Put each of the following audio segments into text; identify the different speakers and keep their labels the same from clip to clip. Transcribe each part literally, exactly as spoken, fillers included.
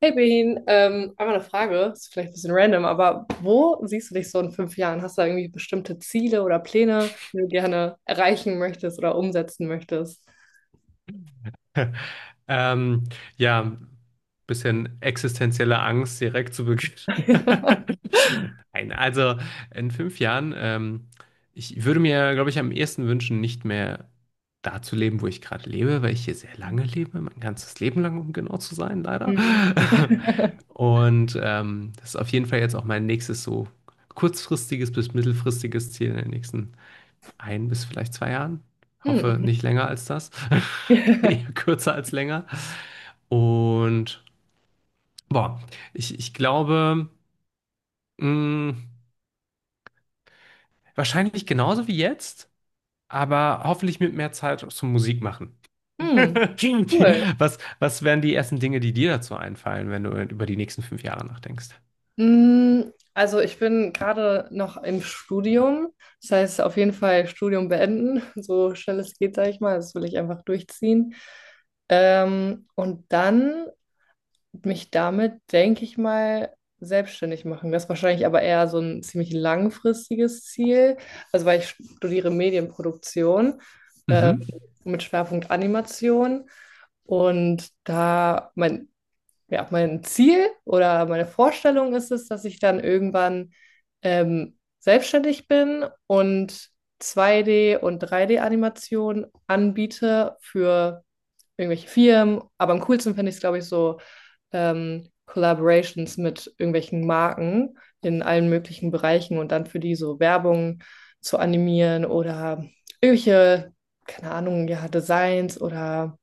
Speaker 1: Hey Behin, ähm, einmal eine Frage, ist vielleicht ein bisschen random, aber wo siehst du dich so in fünf Jahren? Hast du da irgendwie bestimmte Ziele oder Pläne, die du gerne erreichen möchtest oder umsetzen möchtest?
Speaker 2: Ähm, ja, bisschen existenzielle Angst direkt zu Beginn. Nein, also in fünf Jahren, ähm, ich würde mir, glaube ich, am ehesten wünschen, nicht mehr da zu leben, wo ich gerade lebe, weil ich hier sehr lange lebe, mein ganzes Leben lang, um genau zu sein, leider.
Speaker 1: Mhm.
Speaker 2: Und ähm, das ist auf jeden Fall jetzt auch mein nächstes so kurzfristiges bis mittelfristiges Ziel in den nächsten ein bis vielleicht zwei Jahren. Hoffe
Speaker 1: Hm.
Speaker 2: nicht länger als das. Eher kürzer als länger. Und boah, ich, ich glaube, mh, wahrscheinlich genauso wie jetzt, aber hoffentlich mit mehr Zeit zum Musik machen.
Speaker 1: Hm, cool.
Speaker 2: Was, was wären die ersten Dinge, die dir dazu einfallen, wenn du über die nächsten fünf Jahre nachdenkst?
Speaker 1: Mm, Also ich bin gerade noch im Studium. Das heißt, auf jeden Fall Studium beenden, so schnell es geht, sage ich mal. Das will ich einfach durchziehen. Ähm, und dann mich damit, denke ich mal, selbstständig machen. Das ist wahrscheinlich aber eher so ein ziemlich langfristiges Ziel. Also weil ich studiere Medienproduktion ähm,
Speaker 2: Mhm.
Speaker 1: mit Schwerpunkt Animation. Und da, mein ja, mein Ziel oder meine Vorstellung ist es, dass ich dann irgendwann ähm, selbstständig bin und zwei D- und drei D-Animationen anbiete für irgendwelche Firmen. Aber am coolsten finde ich es, glaube ich, so ähm, Collaborations mit irgendwelchen Marken in allen möglichen Bereichen und dann für die so Werbung zu animieren oder irgendwelche, keine Ahnung, ja, Designs oder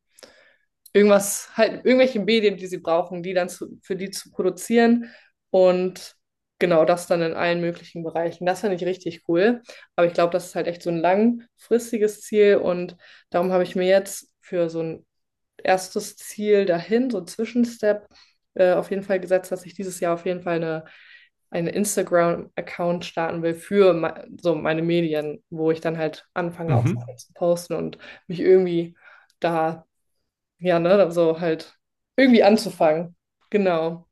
Speaker 1: irgendwas, halt irgendwelche Medien, die sie brauchen, die dann zu, für die zu produzieren und genau das dann in allen möglichen Bereichen. Das finde ich richtig cool. Aber ich glaube, das ist halt echt so ein langfristiges Ziel und darum habe ich mir jetzt für so ein erstes Ziel dahin, so ein Zwischenstep, äh, auf jeden Fall gesetzt, dass ich dieses Jahr auf jeden Fall eine einen Instagram-Account starten will für me so meine Medien, wo ich dann halt anfange, auch
Speaker 2: Mhm.
Speaker 1: Sachen zu posten und mich irgendwie da ja, ne, also halt irgendwie anzufangen. Genau.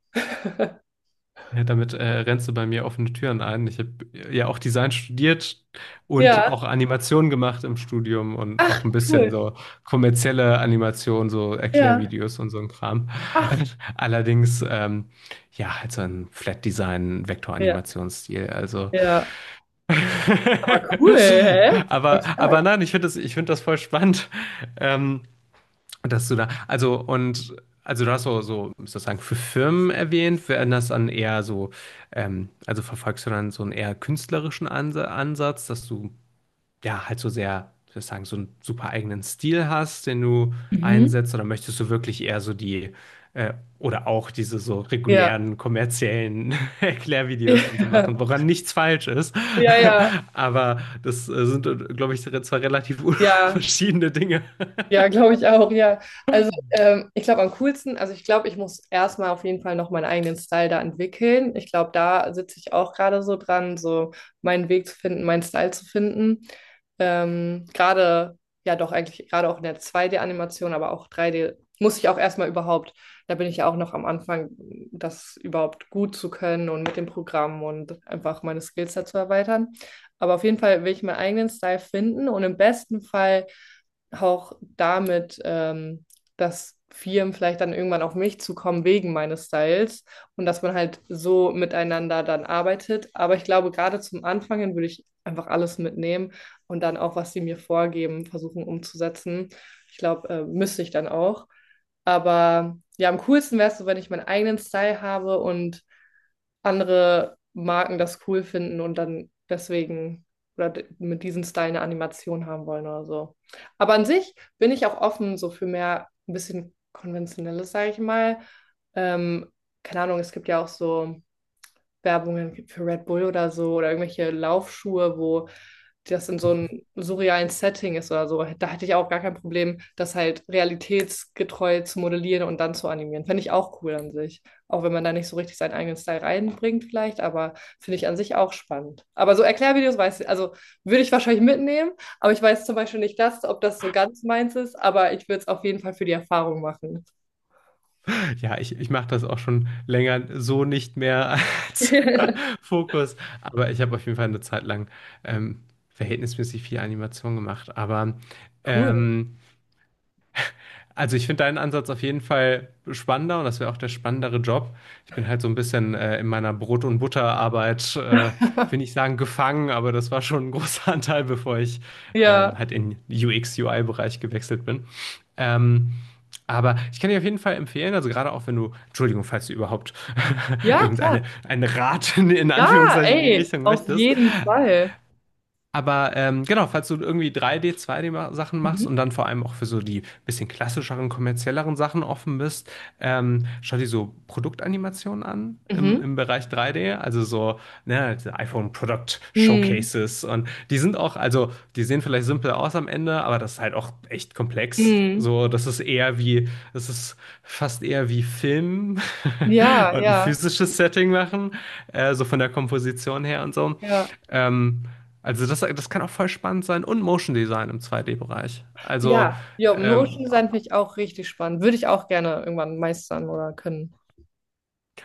Speaker 2: Ja, damit äh, rennst du bei mir offene Türen ein. Ich habe ja auch Design studiert und
Speaker 1: Ja.
Speaker 2: auch Animationen gemacht im Studium und auch
Speaker 1: Ach,
Speaker 2: ein bisschen
Speaker 1: cool.
Speaker 2: so kommerzielle Animationen, so
Speaker 1: Ja.
Speaker 2: Erklärvideos und so ein Kram.
Speaker 1: Ach,
Speaker 2: Allerdings, ähm, ja, halt so ein Flat Design
Speaker 1: ja,
Speaker 2: Vektoranimationsstil. Also,
Speaker 1: ja. Aber cool, hä? Voll
Speaker 2: aber,
Speaker 1: stark.
Speaker 2: aber nein, ich finde das, ich finde das voll spannend. Ähm, dass du da, also und also du hast so, so sozusagen für Firmen erwähnt, werden das dann eher so, ähm, also verfolgst du dann so einen eher künstlerischen Ansa- Ansatz, dass du ja halt so sehr, sozusagen, so einen super eigenen Stil hast, den du
Speaker 1: Mhm.
Speaker 2: einsetzt, oder möchtest du wirklich eher so die äh, oder auch diese so
Speaker 1: Ja.
Speaker 2: regulären kommerziellen Erklärvideos und so machen, woran nichts falsch ist.
Speaker 1: Ja, ja, ja.
Speaker 2: Aber das äh, sind, glaube ich, re- zwei relativ
Speaker 1: ja.
Speaker 2: verschiedene Dinge.
Speaker 1: Ja, glaube ich auch, ja. Also ähm, ich glaube am coolsten, also ich glaube, ich muss erstmal auf jeden Fall noch meinen eigenen Style da entwickeln. Ich glaube, da sitze ich auch gerade so dran, so meinen Weg zu finden, meinen Style zu finden. Ähm, gerade, ja doch, eigentlich gerade auch in der zwei D-Animation, aber auch drei D muss ich auch erstmal überhaupt, da bin ich ja auch noch am Anfang, das überhaupt gut zu können und mit dem Programm und einfach meine Skills dazu erweitern. Aber auf jeden Fall will ich meinen eigenen Style finden und im besten Fall auch damit, ähm, dass Firmen vielleicht dann irgendwann auf mich zukommen wegen meines Styles und dass man halt so miteinander dann arbeitet. Aber ich glaube, gerade zum Anfang hin würde ich einfach alles mitnehmen und dann auch, was sie mir vorgeben, versuchen umzusetzen. Ich glaube, äh, müsste ich dann auch. Aber ja, am coolsten wäre es so, wenn ich meinen eigenen Style habe und andere Marken das cool finden und dann deswegen oder d- mit diesem Style eine Animation haben wollen oder so. Aber an sich bin ich auch offen so für mehr ein bisschen konventionelles, sage ich mal. Ähm, Keine Ahnung, es gibt ja auch so Werbungen gibt für Red Bull oder so oder irgendwelche Laufschuhe, wo das in so einem surrealen Setting ist oder so. Da hätte ich auch gar kein Problem, das halt realitätsgetreu zu modellieren und dann zu animieren. Finde ich auch cool an sich. Auch wenn man da nicht so richtig seinen eigenen Style reinbringt, vielleicht, aber finde ich an sich auch spannend. Aber so Erklärvideos weiß ich, also würde ich wahrscheinlich mitnehmen, aber ich weiß zum Beispiel nicht das, ob das so ganz meins ist, aber ich würde es auf jeden Fall für die Erfahrung machen.
Speaker 2: Ja, ich, ich mache das auch schon länger so nicht mehr als Fokus, aber ich habe auf jeden Fall eine Zeit lang ähm, verhältnismäßig viel Animation gemacht. Aber
Speaker 1: Cool.
Speaker 2: ähm, also ich finde deinen Ansatz auf jeden Fall spannender und das wäre auch der spannendere Job. Ich bin halt so ein bisschen äh, in meiner Brot- und Butterarbeit, äh, ich will nicht sagen gefangen, aber das war schon ein großer Anteil, bevor ich ähm,
Speaker 1: Ja,
Speaker 2: halt in U X-U I-Bereich gewechselt bin. Ähm, aber ich kann dir auf jeden Fall empfehlen, also gerade auch wenn du, Entschuldigung, falls du überhaupt
Speaker 1: ja, klar.
Speaker 2: irgendeine einen Rat in, in
Speaker 1: Ja,
Speaker 2: Anführungszeichen in die
Speaker 1: ey,
Speaker 2: Richtung
Speaker 1: auf
Speaker 2: möchtest,
Speaker 1: jeden Fall.
Speaker 2: aber ähm, genau, falls du irgendwie 3 d zwei 2D-Sachen machst
Speaker 1: Mhm.
Speaker 2: und dann vor allem auch für so die bisschen klassischeren, kommerzielleren Sachen offen bist, ähm, schau dir so Produktanimationen an im,
Speaker 1: Mhm.
Speaker 2: im Bereich drei D, also so ne, diese iPhone Product
Speaker 1: Mhm.
Speaker 2: Showcases und die sind auch, also die sehen vielleicht simpel aus am Ende, aber das ist halt auch echt komplex.
Speaker 1: Mhm.
Speaker 2: So, das ist eher wie, das ist fast eher wie Film
Speaker 1: Ja,
Speaker 2: und ein
Speaker 1: ja,
Speaker 2: physisches Setting machen, äh, so von der Komposition her und so.
Speaker 1: ja.
Speaker 2: Ähm, also das, das kann auch voll spannend sein und Motion Design im zwei D-Bereich. Also
Speaker 1: Ja, ja, Motion
Speaker 2: ähm,
Speaker 1: Design finde ich auch richtig spannend. Würde ich auch gerne irgendwann meistern oder können.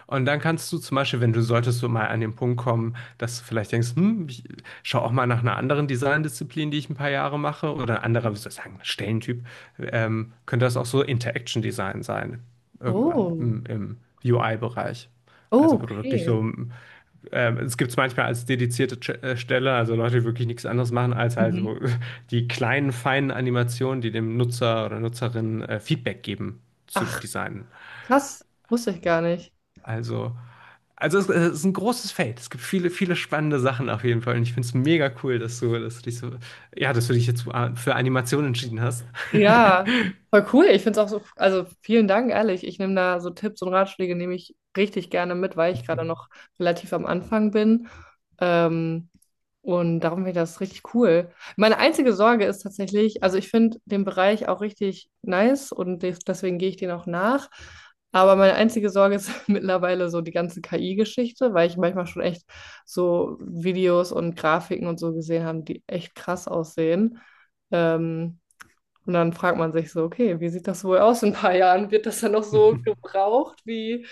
Speaker 2: und dann kannst du zum Beispiel, wenn du solltest du mal an den Punkt kommen, dass du vielleicht denkst, hm, ich schau auch mal nach einer anderen Design-Disziplin, die ich ein paar Jahre mache, oder ein anderer, wie soll ich sagen, Stellentyp, ähm, könnte das auch so Interaction Design sein, irgendwann
Speaker 1: Oh,
Speaker 2: im, im U I-Bereich.
Speaker 1: oh,
Speaker 2: Also wo du wirklich
Speaker 1: okay.
Speaker 2: so, ähm, es gibt es manchmal als dedizierte Ch- äh, Stelle, also Leute, die wirklich nichts anderes machen, als
Speaker 1: Mhm.
Speaker 2: also die kleinen, feinen Animationen, die dem Nutzer oder Nutzerin äh, Feedback geben, zu
Speaker 1: Ach,
Speaker 2: designen.
Speaker 1: krass, wusste ich gar nicht.
Speaker 2: Also, also es, es ist ein großes Feld. Es gibt viele, viele spannende Sachen auf jeden Fall. Und ich finde es mega cool, dass du, dass du dich so, ja, dass du dich jetzt für für Animation entschieden hast.
Speaker 1: Ja, voll cool. Ich finde es auch so, also vielen Dank, ehrlich. Ich nehme da so Tipps und Ratschläge, nehme ich richtig gerne mit, weil ich gerade noch relativ am Anfang bin. Ähm, Und darum finde ich das richtig cool. Meine einzige Sorge ist tatsächlich, also ich finde den Bereich auch richtig nice und des- deswegen gehe ich den auch nach. Aber meine einzige Sorge ist mittlerweile so die ganze K I-Geschichte, weil ich manchmal schon echt so Videos und Grafiken und so gesehen habe, die echt krass aussehen. Ähm, und dann fragt man sich so, okay, wie sieht das wohl aus in ein paar Jahren? Wird das dann noch so gebraucht, wie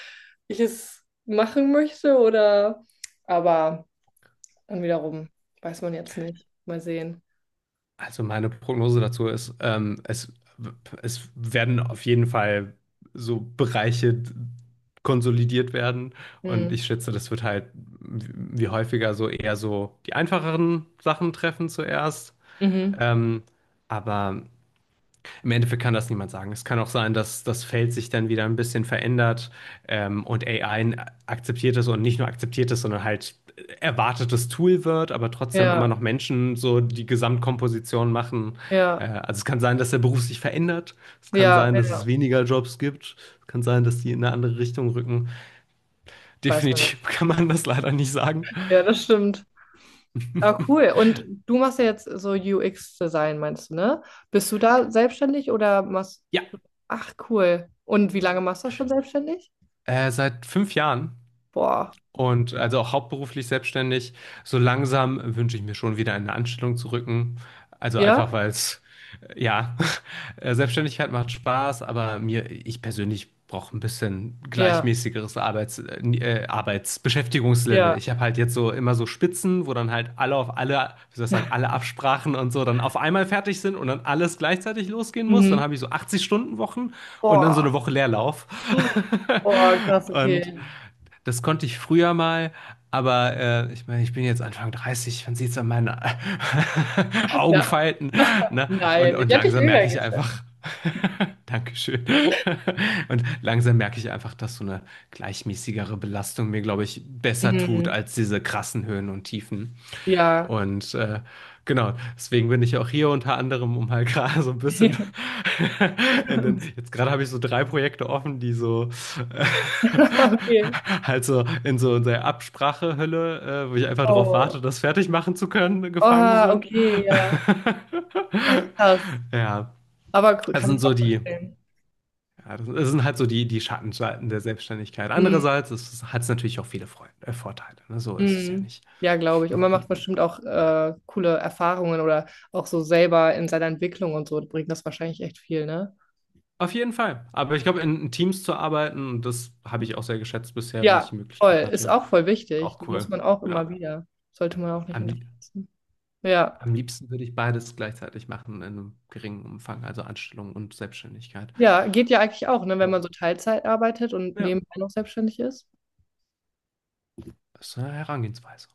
Speaker 1: ich es machen möchte? Oder aber. Dann wiederum, weiß man jetzt nicht. Mal sehen.
Speaker 2: Also meine Prognose dazu ist, ähm, es, es werden auf jeden Fall so Bereiche konsolidiert werden. Und
Speaker 1: Hm.
Speaker 2: ich schätze, das wird halt wie häufiger so eher so die einfacheren Sachen treffen zuerst.
Speaker 1: Mhm.
Speaker 2: Ähm, aber im Endeffekt kann das niemand sagen. Es kann auch sein, dass das Feld sich dann wieder ein bisschen verändert ähm, und A I akzeptiert es und nicht nur akzeptiert es, sondern halt erwartetes Tool wird, aber trotzdem immer
Speaker 1: Ja,
Speaker 2: noch Menschen so die Gesamtkomposition machen.
Speaker 1: ja,
Speaker 2: Äh, also es kann sein, dass der Beruf sich verändert. Es kann
Speaker 1: ja,
Speaker 2: sein, dass
Speaker 1: ja,
Speaker 2: es weniger Jobs gibt. Es kann sein, dass die in eine andere Richtung rücken.
Speaker 1: weiß man
Speaker 2: Definitiv
Speaker 1: jetzt.
Speaker 2: kann man das leider nicht sagen.
Speaker 1: Ja, das stimmt. Ah, cool. Und du machst ja jetzt so U X-Design, meinst du, ne? Bist du da selbstständig oder machst...
Speaker 2: Ja,
Speaker 1: Ach, cool. Und wie lange machst du das schon selbstständig?
Speaker 2: äh, seit fünf Jahren.
Speaker 1: Boah.
Speaker 2: Und also auch hauptberuflich selbstständig. So langsam wünsche ich mir schon wieder eine Anstellung zu rücken. Also einfach,
Speaker 1: Ja?
Speaker 2: weil es, äh, ja, äh, Selbstständigkeit macht Spaß, aber mir, ich persönlich brauche ein bisschen
Speaker 1: Ja,
Speaker 2: gleichmäßigeres Arbeits, äh, ni- äh, Arbeitsbeschäftigungslevel.
Speaker 1: ja.
Speaker 2: Ich habe halt jetzt so immer so Spitzen, wo dann halt alle auf alle, wie soll ich sagen, alle Absprachen und so dann auf einmal fertig sind und dann alles gleichzeitig losgehen muss. Dann
Speaker 1: Mhm.
Speaker 2: habe ich so achtzig-Stunden-Wochen und dann so
Speaker 1: Boah.
Speaker 2: eine Woche Leerlauf.
Speaker 1: Boah, krass,
Speaker 2: Und
Speaker 1: okay.
Speaker 2: das konnte ich früher mal, aber äh, ich meine, ich bin jetzt Anfang dreißig, man sieht es an meinen
Speaker 1: Ja,
Speaker 2: Augenfalten, ne? Und,
Speaker 1: nein, ich
Speaker 2: und
Speaker 1: hätte dich
Speaker 2: langsam
Speaker 1: jünger
Speaker 2: merke ich
Speaker 1: geschätzt.
Speaker 2: einfach, dankeschön. Und langsam merke ich einfach, dass so eine gleichmäßigere Belastung mir, glaube ich, besser tut
Speaker 1: Mhm.
Speaker 2: als diese krassen Höhen und Tiefen.
Speaker 1: Ja.
Speaker 2: Und äh, genau, deswegen bin ich auch hier unter anderem, um halt gerade so ein bisschen in den, jetzt gerade habe ich so drei Projekte offen, die so äh,
Speaker 1: Okay.
Speaker 2: halt so in so in der Absprachehölle, äh, wo ich einfach darauf
Speaker 1: Oh.
Speaker 2: warte, das fertig machen zu können, gefangen
Speaker 1: Oh
Speaker 2: sind.
Speaker 1: okay, ja. Ach, krass.
Speaker 2: Ja,
Speaker 1: Aber cool,
Speaker 2: das
Speaker 1: kann
Speaker 2: sind
Speaker 1: ich
Speaker 2: so
Speaker 1: auch
Speaker 2: die,
Speaker 1: verstehen.
Speaker 2: ja, das sind halt so die, die Schattenseiten der Selbstständigkeit.
Speaker 1: Mhm.
Speaker 2: Andererseits hat es hat's natürlich auch viele Freude, äh, Vorteile, ne? So ist es ja
Speaker 1: Mhm.
Speaker 2: nicht.
Speaker 1: Ja, glaube ich. Und man macht bestimmt auch äh, coole Erfahrungen oder auch so selber in seiner Entwicklung und so bringt das wahrscheinlich echt viel, ne?
Speaker 2: Auf jeden Fall. Aber ich glaube, in, in Teams zu arbeiten, und das habe ich auch sehr geschätzt bisher, wenn ich
Speaker 1: Ja,
Speaker 2: die
Speaker 1: voll.
Speaker 2: Möglichkeit
Speaker 1: Ist
Speaker 2: hatte.
Speaker 1: auch voll wichtig.
Speaker 2: Auch
Speaker 1: Muss
Speaker 2: cool.
Speaker 1: man auch immer
Speaker 2: Ja.
Speaker 1: wieder. Sollte man auch nicht
Speaker 2: Am, lie-
Speaker 1: unterschätzen. Ja.
Speaker 2: am liebsten würde ich beides gleichzeitig machen, in einem geringen Umfang, also Anstellung und Selbstständigkeit.
Speaker 1: Ja, geht ja eigentlich auch, ne, wenn
Speaker 2: Ja.
Speaker 1: man so Teilzeit arbeitet und
Speaker 2: Ja,
Speaker 1: nebenbei noch selbstständig ist.
Speaker 2: das ist eine Herangehensweise.